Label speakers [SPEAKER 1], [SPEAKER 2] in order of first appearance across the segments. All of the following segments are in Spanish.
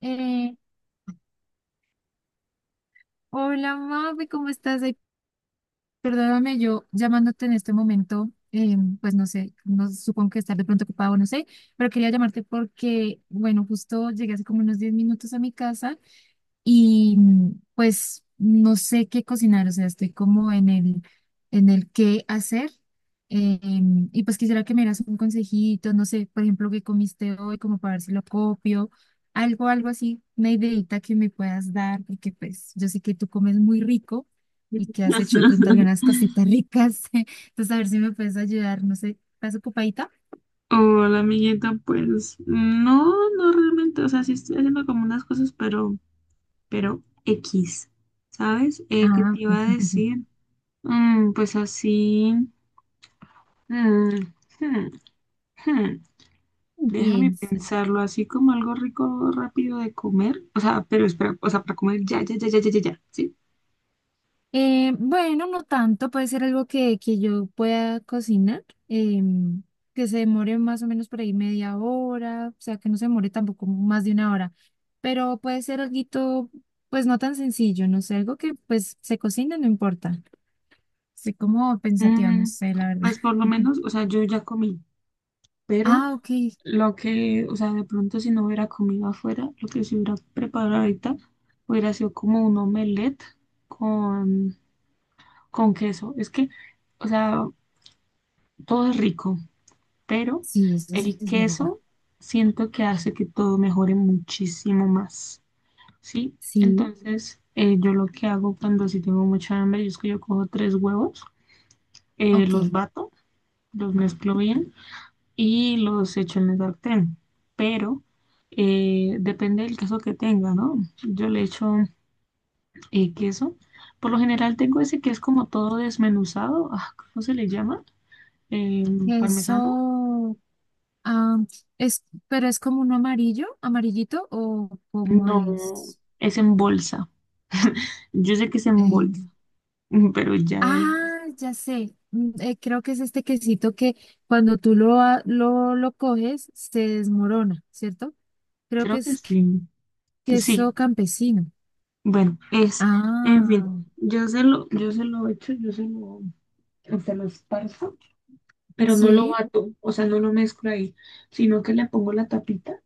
[SPEAKER 1] Eh, Hola, mami, ¿cómo estás? Ay, perdóname, yo llamándote en este momento, pues no sé, no supongo que estar de pronto ocupado, no sé, pero quería llamarte porque, bueno, justo llegué hace como unos 10 minutos a mi casa y pues no sé qué cocinar, o sea, estoy como en el qué hacer. Y pues quisiera que me dieras un consejito, no sé, por ejemplo, qué comiste hoy, como para ver si lo copio, algo así, una ideita que me puedas dar, porque pues yo sé que tú comes muy rico y que has hecho de pronto algunas cositas ricas, entonces a ver si me puedes ayudar, no sé, ¿estás ocupadita?
[SPEAKER 2] Hola, amiguita, pues no, no realmente, o sea, sí estoy haciendo como unas cosas, pero X, ¿sabes? ¿Qué
[SPEAKER 1] Ah,
[SPEAKER 2] te
[SPEAKER 1] ok.
[SPEAKER 2] iba a decir? Pues así, mm, hmm, hmm, déjame
[SPEAKER 1] Bien.
[SPEAKER 2] pensarlo, así como algo rico, rápido de comer, o sea, pero espera, o sea, para comer ya, ya, ya, ya, ya, ya, ya, ¿sí?
[SPEAKER 1] Bueno, no tanto, puede ser algo que yo pueda cocinar, que se demore más o menos por ahí media hora, o sea, que no se demore tampoco más de una hora, pero puede ser algo, pues no tan sencillo, no sé, algo que pues se cocina, no importa. Estoy como pensativa, no
[SPEAKER 2] Mm,
[SPEAKER 1] sé, la verdad.
[SPEAKER 2] pues por lo menos, o sea, yo ya comí, pero...
[SPEAKER 1] Ah, ok,
[SPEAKER 2] Lo que, o sea, de pronto si no hubiera comido afuera, lo que se hubiera preparado ahorita hubiera sido como un omelette con, con queso. Es que, o sea, todo es rico, pero
[SPEAKER 1] sí, eso sí
[SPEAKER 2] el
[SPEAKER 1] es verdad.
[SPEAKER 2] queso siento que hace que todo mejore muchísimo más, ¿sí?
[SPEAKER 1] Sí,
[SPEAKER 2] Entonces, yo lo que hago cuando si tengo mucha hambre, yo es que yo cojo tres huevos,
[SPEAKER 1] ok,
[SPEAKER 2] los bato, los mezclo bien y los echo en el sartén. Pero depende del queso que tenga, ¿no? Yo le echo queso. Por lo general tengo ese que es como todo desmenuzado. Ah, ¿cómo se le llama? ¿El parmesano?
[SPEAKER 1] eso, ah, es, pero es como un amarillo, amarillito o cómo
[SPEAKER 2] No,
[SPEAKER 1] es.
[SPEAKER 2] es en bolsa. Yo sé que es en bolsa,
[SPEAKER 1] Eh,
[SPEAKER 2] pero ya de ahí,
[SPEAKER 1] ya sé. Creo que es este quesito que cuando tú lo coges se desmorona, ¿cierto? Creo que
[SPEAKER 2] creo que
[SPEAKER 1] es
[SPEAKER 2] sí. Sí,
[SPEAKER 1] queso campesino.
[SPEAKER 2] bueno, es, en fin,
[SPEAKER 1] Ah,
[SPEAKER 2] yo se lo echo, yo se lo esparzo pero no lo
[SPEAKER 1] sí,
[SPEAKER 2] bato, o sea, no lo mezclo ahí, sino que le pongo la tapita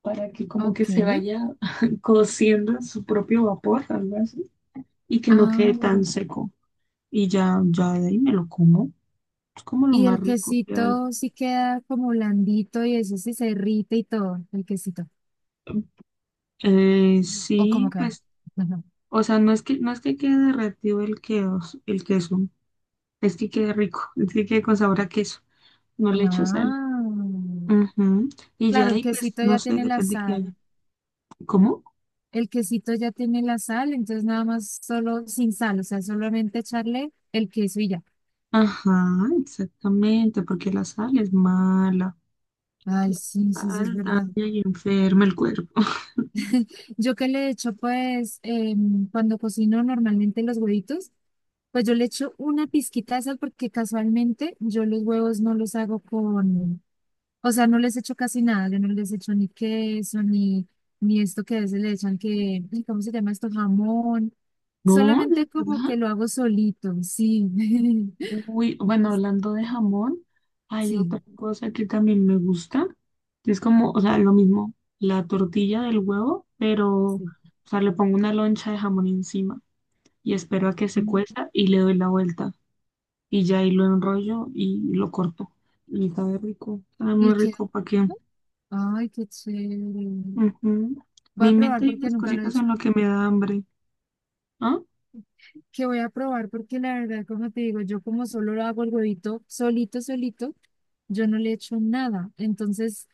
[SPEAKER 2] para que como que
[SPEAKER 1] ok.
[SPEAKER 2] se vaya cociendo en su propio vapor, algo así, y que no
[SPEAKER 1] Ah,
[SPEAKER 2] quede tan seco. Y ya, ya de ahí me lo como. Es como lo
[SPEAKER 1] y
[SPEAKER 2] más
[SPEAKER 1] el
[SPEAKER 2] rico que hay.
[SPEAKER 1] quesito sí queda como blandito y eso sí se irrita y todo, el quesito. ¿O cómo
[SPEAKER 2] Sí,
[SPEAKER 1] queda?
[SPEAKER 2] pues,
[SPEAKER 1] Ajá.
[SPEAKER 2] o sea, no es que quede derretido el queso, es que quede rico, es que quede con sabor a queso. No le echo sal.
[SPEAKER 1] Ah,
[SPEAKER 2] Ujú. Y ya
[SPEAKER 1] claro,
[SPEAKER 2] de
[SPEAKER 1] el
[SPEAKER 2] ahí, pues,
[SPEAKER 1] quesito
[SPEAKER 2] no
[SPEAKER 1] ya
[SPEAKER 2] sé,
[SPEAKER 1] tiene la
[SPEAKER 2] depende que haya.
[SPEAKER 1] sal.
[SPEAKER 2] ¿Cómo?
[SPEAKER 1] El quesito ya tiene la sal, entonces nada más solo sin sal, o sea, solamente echarle el queso y ya.
[SPEAKER 2] Ajá, exactamente, porque la sal es mala.
[SPEAKER 1] Ay, sí,
[SPEAKER 2] La
[SPEAKER 1] sí, sí, es
[SPEAKER 2] sal
[SPEAKER 1] verdad.
[SPEAKER 2] daña y enferma el cuerpo.
[SPEAKER 1] Yo que le echo, pues, cuando cocino normalmente los huevitos, pues yo le echo una pizquita de sal porque casualmente yo los huevos no los hago con, o sea, no les echo casi nada, yo no les echo ni queso, ni esto que a veces le echan que, ay, ¿cómo se llama esto? Jamón.
[SPEAKER 2] No, de
[SPEAKER 1] Solamente como que
[SPEAKER 2] verdad.
[SPEAKER 1] lo hago solito, sí.
[SPEAKER 2] Uy, bueno, hablando de jamón, hay otra
[SPEAKER 1] Sí.
[SPEAKER 2] cosa que también me gusta. Es como, o sea, lo mismo, la tortilla del huevo, pero, o
[SPEAKER 1] Sí.
[SPEAKER 2] sea, le pongo una loncha de jamón encima y espero a que
[SPEAKER 1] Ah,
[SPEAKER 2] se cueza y le doy la vuelta. Y ya ahí lo enrollo y lo corto. Y sabe rico, sabe muy
[SPEAKER 1] ¿Y qué?
[SPEAKER 2] rico, ¿para qué?
[SPEAKER 1] Ay, qué chévere.
[SPEAKER 2] Ujú.
[SPEAKER 1] Voy
[SPEAKER 2] Me
[SPEAKER 1] a
[SPEAKER 2] invento
[SPEAKER 1] probar
[SPEAKER 2] ahí
[SPEAKER 1] porque
[SPEAKER 2] unas
[SPEAKER 1] nunca lo he
[SPEAKER 2] cositas
[SPEAKER 1] hecho.
[SPEAKER 2] en lo que me da hambre. ¿Ah?
[SPEAKER 1] Que voy a probar porque la verdad, como te digo, yo como solo lo hago el huevito solito, solito, yo no le echo nada. Entonces,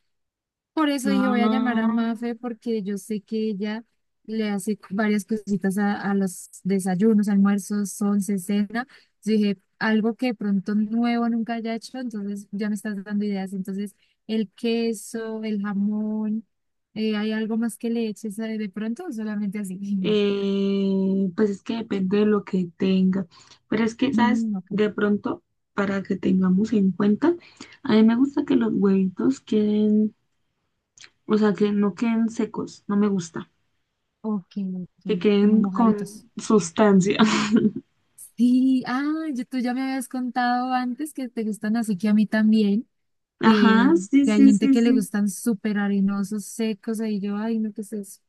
[SPEAKER 1] por eso dije, voy a llamar a
[SPEAKER 2] Ah,
[SPEAKER 1] Mafe porque yo sé que ella le hace varias cositas a los desayunos, almuerzos, once, cena. Yo dije, algo que pronto nuevo nunca haya hecho, entonces ya me estás dando ideas. Entonces, el queso, el jamón, ¿hay algo más que le eches de pronto o solamente así?
[SPEAKER 2] pues es que depende de lo que tenga. Pero es que, ¿sabes?
[SPEAKER 1] Mm, ok,
[SPEAKER 2] De pronto, para que tengamos en cuenta, a mí me gusta que los huevitos queden, o sea, que no queden secos, no me gusta.
[SPEAKER 1] ok,
[SPEAKER 2] Que
[SPEAKER 1] ok, como
[SPEAKER 2] queden con
[SPEAKER 1] mojaditos.
[SPEAKER 2] sustancia.
[SPEAKER 1] Sí, ah, yo- tú ya me habías contado antes que te gustan así que a mí también. que,
[SPEAKER 2] Ajá, sí,
[SPEAKER 1] que hay
[SPEAKER 2] sí,
[SPEAKER 1] gente
[SPEAKER 2] sí,
[SPEAKER 1] que le
[SPEAKER 2] sí.
[SPEAKER 1] gustan súper arenosos, secos, ahí yo, ay, no, ¿qué es eso?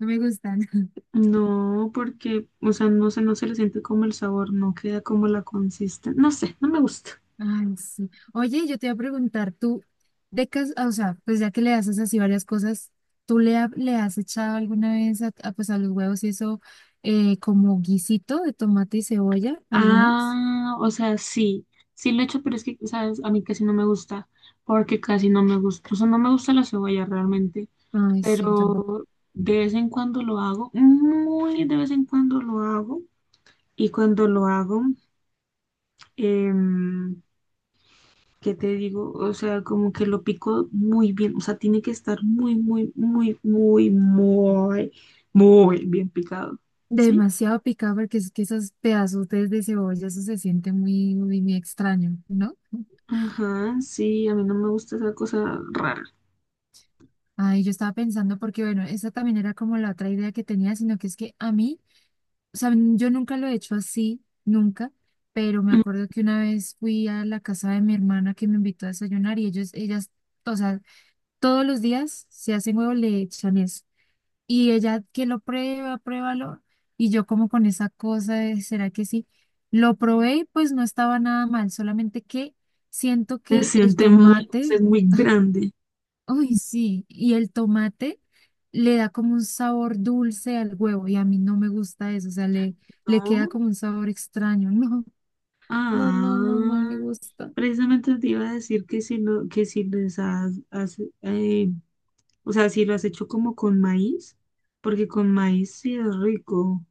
[SPEAKER 1] No me gustan.
[SPEAKER 2] No, porque, o sea, no sé, no se le siente como el sabor, no queda como la consistencia. No sé, no me gusta.
[SPEAKER 1] Ay, sí. Oye, yo te iba a preguntar, tú, o sea, pues ya que le haces así varias cosas, ¿tú le has echado alguna vez a, pues a los huevos y eso como guisito de tomate y cebolla alguna vez?
[SPEAKER 2] Ah, o sea, sí, sí lo he hecho, pero es que, ¿sabes? A mí casi no me gusta, porque casi no me gusta, o sea, no me gusta la cebolla realmente,
[SPEAKER 1] Ay, sí, tampoco.
[SPEAKER 2] pero de vez en cuando lo hago, muy de vez en cuando lo hago, y cuando lo hago, em, ¿qué te digo? O sea, como que lo pico muy bien, o sea, tiene que estar muy, muy, muy, muy, muy, muy bien picado, ¿sí?
[SPEAKER 1] Demasiado picado porque es que esos pedazos de cebolla, eso se siente muy, muy, muy extraño, ¿no?
[SPEAKER 2] Ajá, sí, a mí no me gusta esa cosa rara.
[SPEAKER 1] Ay, yo estaba pensando porque, bueno, esa también era como la otra idea que tenía, sino que es que a mí, o sea, yo nunca lo he hecho así, nunca, pero me acuerdo que una vez fui a la casa de mi hermana que me invitó a desayunar y ellas, o sea, todos los días se hacen huevo, le echan eso. Y ella que lo prueba, pruébalo, y yo como con esa cosa de, ¿será que sí? Lo probé y pues no estaba nada mal, solamente que siento
[SPEAKER 2] Se
[SPEAKER 1] que el
[SPEAKER 2] siente muy, pues, es
[SPEAKER 1] tomate...
[SPEAKER 2] muy grande,
[SPEAKER 1] Uy, sí, y el tomate le da como un sabor dulce al huevo y a mí no me gusta eso, o sea, le queda
[SPEAKER 2] ¿no?
[SPEAKER 1] como un sabor extraño. No, no, no, no, no
[SPEAKER 2] Ah,
[SPEAKER 1] me gusta.
[SPEAKER 2] precisamente te iba a decir que si no, que si les has, has, eh, o sea, si lo has hecho como con maíz, porque con maíz sí es rico.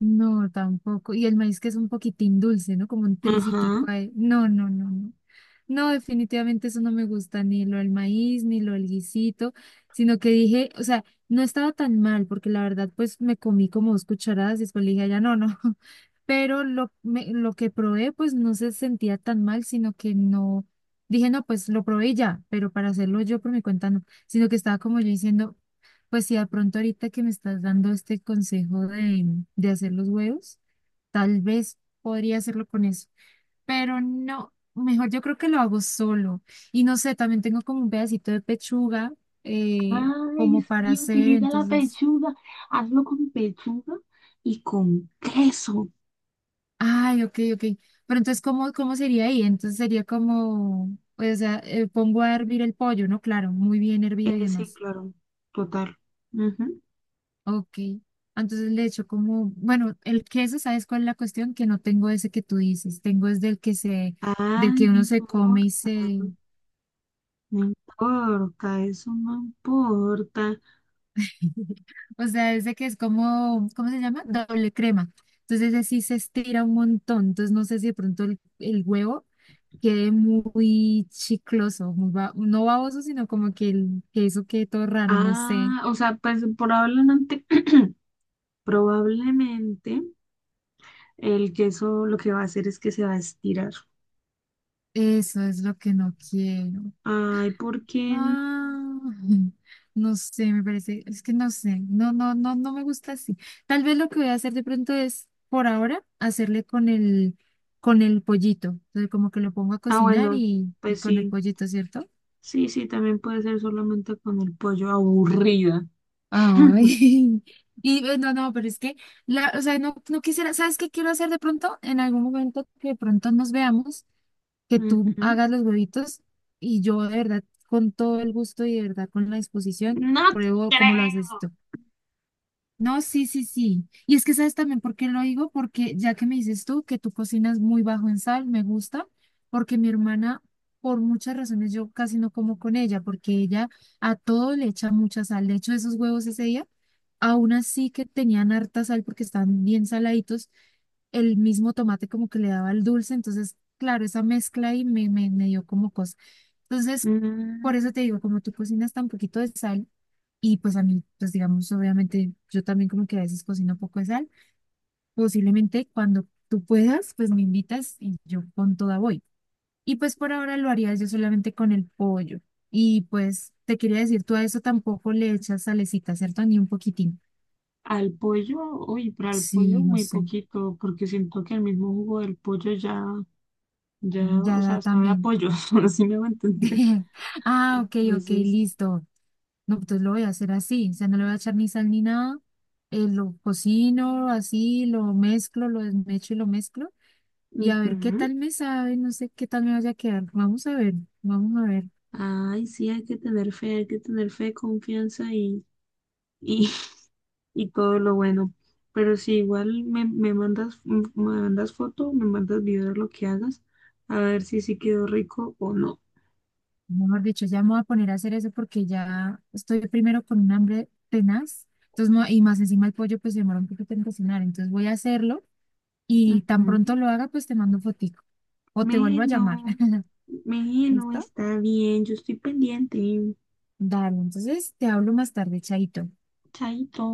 [SPEAKER 1] No, tampoco. Y el maíz que es un poquitín dulce, ¿no? Como un
[SPEAKER 2] Ajá.
[SPEAKER 1] tricitico ahí. No, no, no, no. No, definitivamente eso no me gusta, ni lo del maíz, ni lo del guisito, sino que dije, o sea, no estaba tan mal, porque la verdad, pues me comí como 2 cucharadas y después le dije, "Ah, ya no, no." Pero lo que probé, pues no se sentía tan mal, sino que no. Dije, no, pues lo probé y ya, pero para hacerlo yo por mi cuenta no, sino que estaba como yo diciendo, pues sí, de pronto ahorita que me estás dando este consejo de hacer los huevos, tal vez podría hacerlo con eso, pero no, mejor yo creo que lo hago solo. Y no sé, también tengo como un pedacito de pechuga
[SPEAKER 2] Ay,
[SPEAKER 1] como para
[SPEAKER 2] sí,
[SPEAKER 1] hacer,
[SPEAKER 2] utiliza la
[SPEAKER 1] entonces,
[SPEAKER 2] pechuga. Hazlo con pechuga y con queso.
[SPEAKER 1] ay, ok, ok. Pero entonces, cómo sería ahí? Entonces sería como, pues, o sea, pongo a hervir el pollo, ¿no? Claro, muy bien hervido y
[SPEAKER 2] Sí,
[SPEAKER 1] demás.
[SPEAKER 2] claro, total. Ujú.
[SPEAKER 1] Ok, entonces le echo como, bueno, el queso, ¿sabes cuál es la cuestión? Que no tengo ese que tú dices, tengo es del que se, del
[SPEAKER 2] Ay,
[SPEAKER 1] que
[SPEAKER 2] no
[SPEAKER 1] uno se come y
[SPEAKER 2] importa,
[SPEAKER 1] se,
[SPEAKER 2] no importa, eso no importa.
[SPEAKER 1] o sea, ese que es como, ¿cómo se llama? Doble crema. Entonces ese sí se estira un montón, entonces no sé si de pronto el huevo quede muy chicloso, muy no baboso, sino como que el queso quede todo raro, no sé.
[SPEAKER 2] Ah, o sea, pues probablemente, probablemente el queso lo que va a hacer es que se va a estirar.
[SPEAKER 1] Eso es lo que no quiero.
[SPEAKER 2] Ay, ¿por qué no?
[SPEAKER 1] Ah, no sé, me parece, es que no sé, no, no, no, no me gusta así. Tal vez lo que voy a hacer de pronto es, por ahora, hacerle con con el pollito. Entonces, como que lo pongo a
[SPEAKER 2] Ah,
[SPEAKER 1] cocinar
[SPEAKER 2] bueno,
[SPEAKER 1] y
[SPEAKER 2] pues
[SPEAKER 1] con el
[SPEAKER 2] sí,
[SPEAKER 1] pollito, ¿cierto?
[SPEAKER 2] sí, sí, también puede ser solamente con el pollo aburrida.
[SPEAKER 1] Ay, y no, no, pero es que, la, o sea, no, no quisiera, ¿sabes qué quiero hacer de pronto? En algún momento que de pronto nos veamos, que tú
[SPEAKER 2] Ujú.
[SPEAKER 1] hagas los huevitos y yo de verdad, con todo el gusto y de verdad con la disposición,
[SPEAKER 2] No
[SPEAKER 1] pruebo cómo lo haces
[SPEAKER 2] creo.
[SPEAKER 1] tú. No, sí, sí, sí. Y es que sabes también por qué lo digo, porque ya que me dices tú que tú cocinas muy bajo en sal, me gusta, porque mi hermana, por muchas razones, yo casi no como con ella, porque ella a todo le echa mucha sal. De hecho, esos huevos ese día, aún así que tenían harta sal porque estaban bien saladitos, el mismo tomate como que le daba el dulce, entonces, claro, esa mezcla ahí me dio como cosa. Entonces, por eso
[SPEAKER 2] Mm,
[SPEAKER 1] te digo, como tú cocinas tan poquito de sal, y pues a mí, pues digamos, obviamente yo también como que a veces cocino poco de sal. Posiblemente cuando tú puedas, pues me invitas y yo con toda voy. Y pues por ahora lo haría yo solamente con el pollo. Y pues te quería decir, tú a eso tampoco le echas salecita, ¿cierto? Ni un poquitín.
[SPEAKER 2] al pollo, uy, para el pollo
[SPEAKER 1] Sí, no
[SPEAKER 2] muy
[SPEAKER 1] sé.
[SPEAKER 2] poquito, porque siento que el mismo jugo del pollo ya, ya, o
[SPEAKER 1] Ya da
[SPEAKER 2] sea, sabe a
[SPEAKER 1] también.
[SPEAKER 2] pollo, así me va a entender.
[SPEAKER 1] Ah, ok, ok,
[SPEAKER 2] Entonces.
[SPEAKER 1] listo. No, entonces lo voy a hacer así. O sea, no le voy a echar ni sal ni nada. Lo cocino así, lo mezclo, lo desmecho y lo mezclo. Y a ver qué
[SPEAKER 2] Ujú.
[SPEAKER 1] tal me sabe, no sé qué tal me vaya a quedar. Vamos a ver, vamos a ver.
[SPEAKER 2] Ay, sí, hay que tener fe, hay que tener fe, confianza y, y todo lo bueno. Pero si igual me, me mandas foto, me mandas video de lo que hagas, a ver si sí quedó rico o no.
[SPEAKER 1] Mejor dicho, ya me voy a poner a hacer eso porque ya estoy primero con un hambre tenaz. Entonces, y más encima el pollo pues se demora un poquito en cocinar. Entonces voy a hacerlo y tan pronto
[SPEAKER 2] Ujú.
[SPEAKER 1] lo haga pues te mando fotico o te vuelvo a llamar.
[SPEAKER 2] Melo, melo,
[SPEAKER 1] ¿Listo?
[SPEAKER 2] está bien, yo estoy pendiente.
[SPEAKER 1] Dale, entonces te hablo más tarde, chaito.
[SPEAKER 2] Chaito.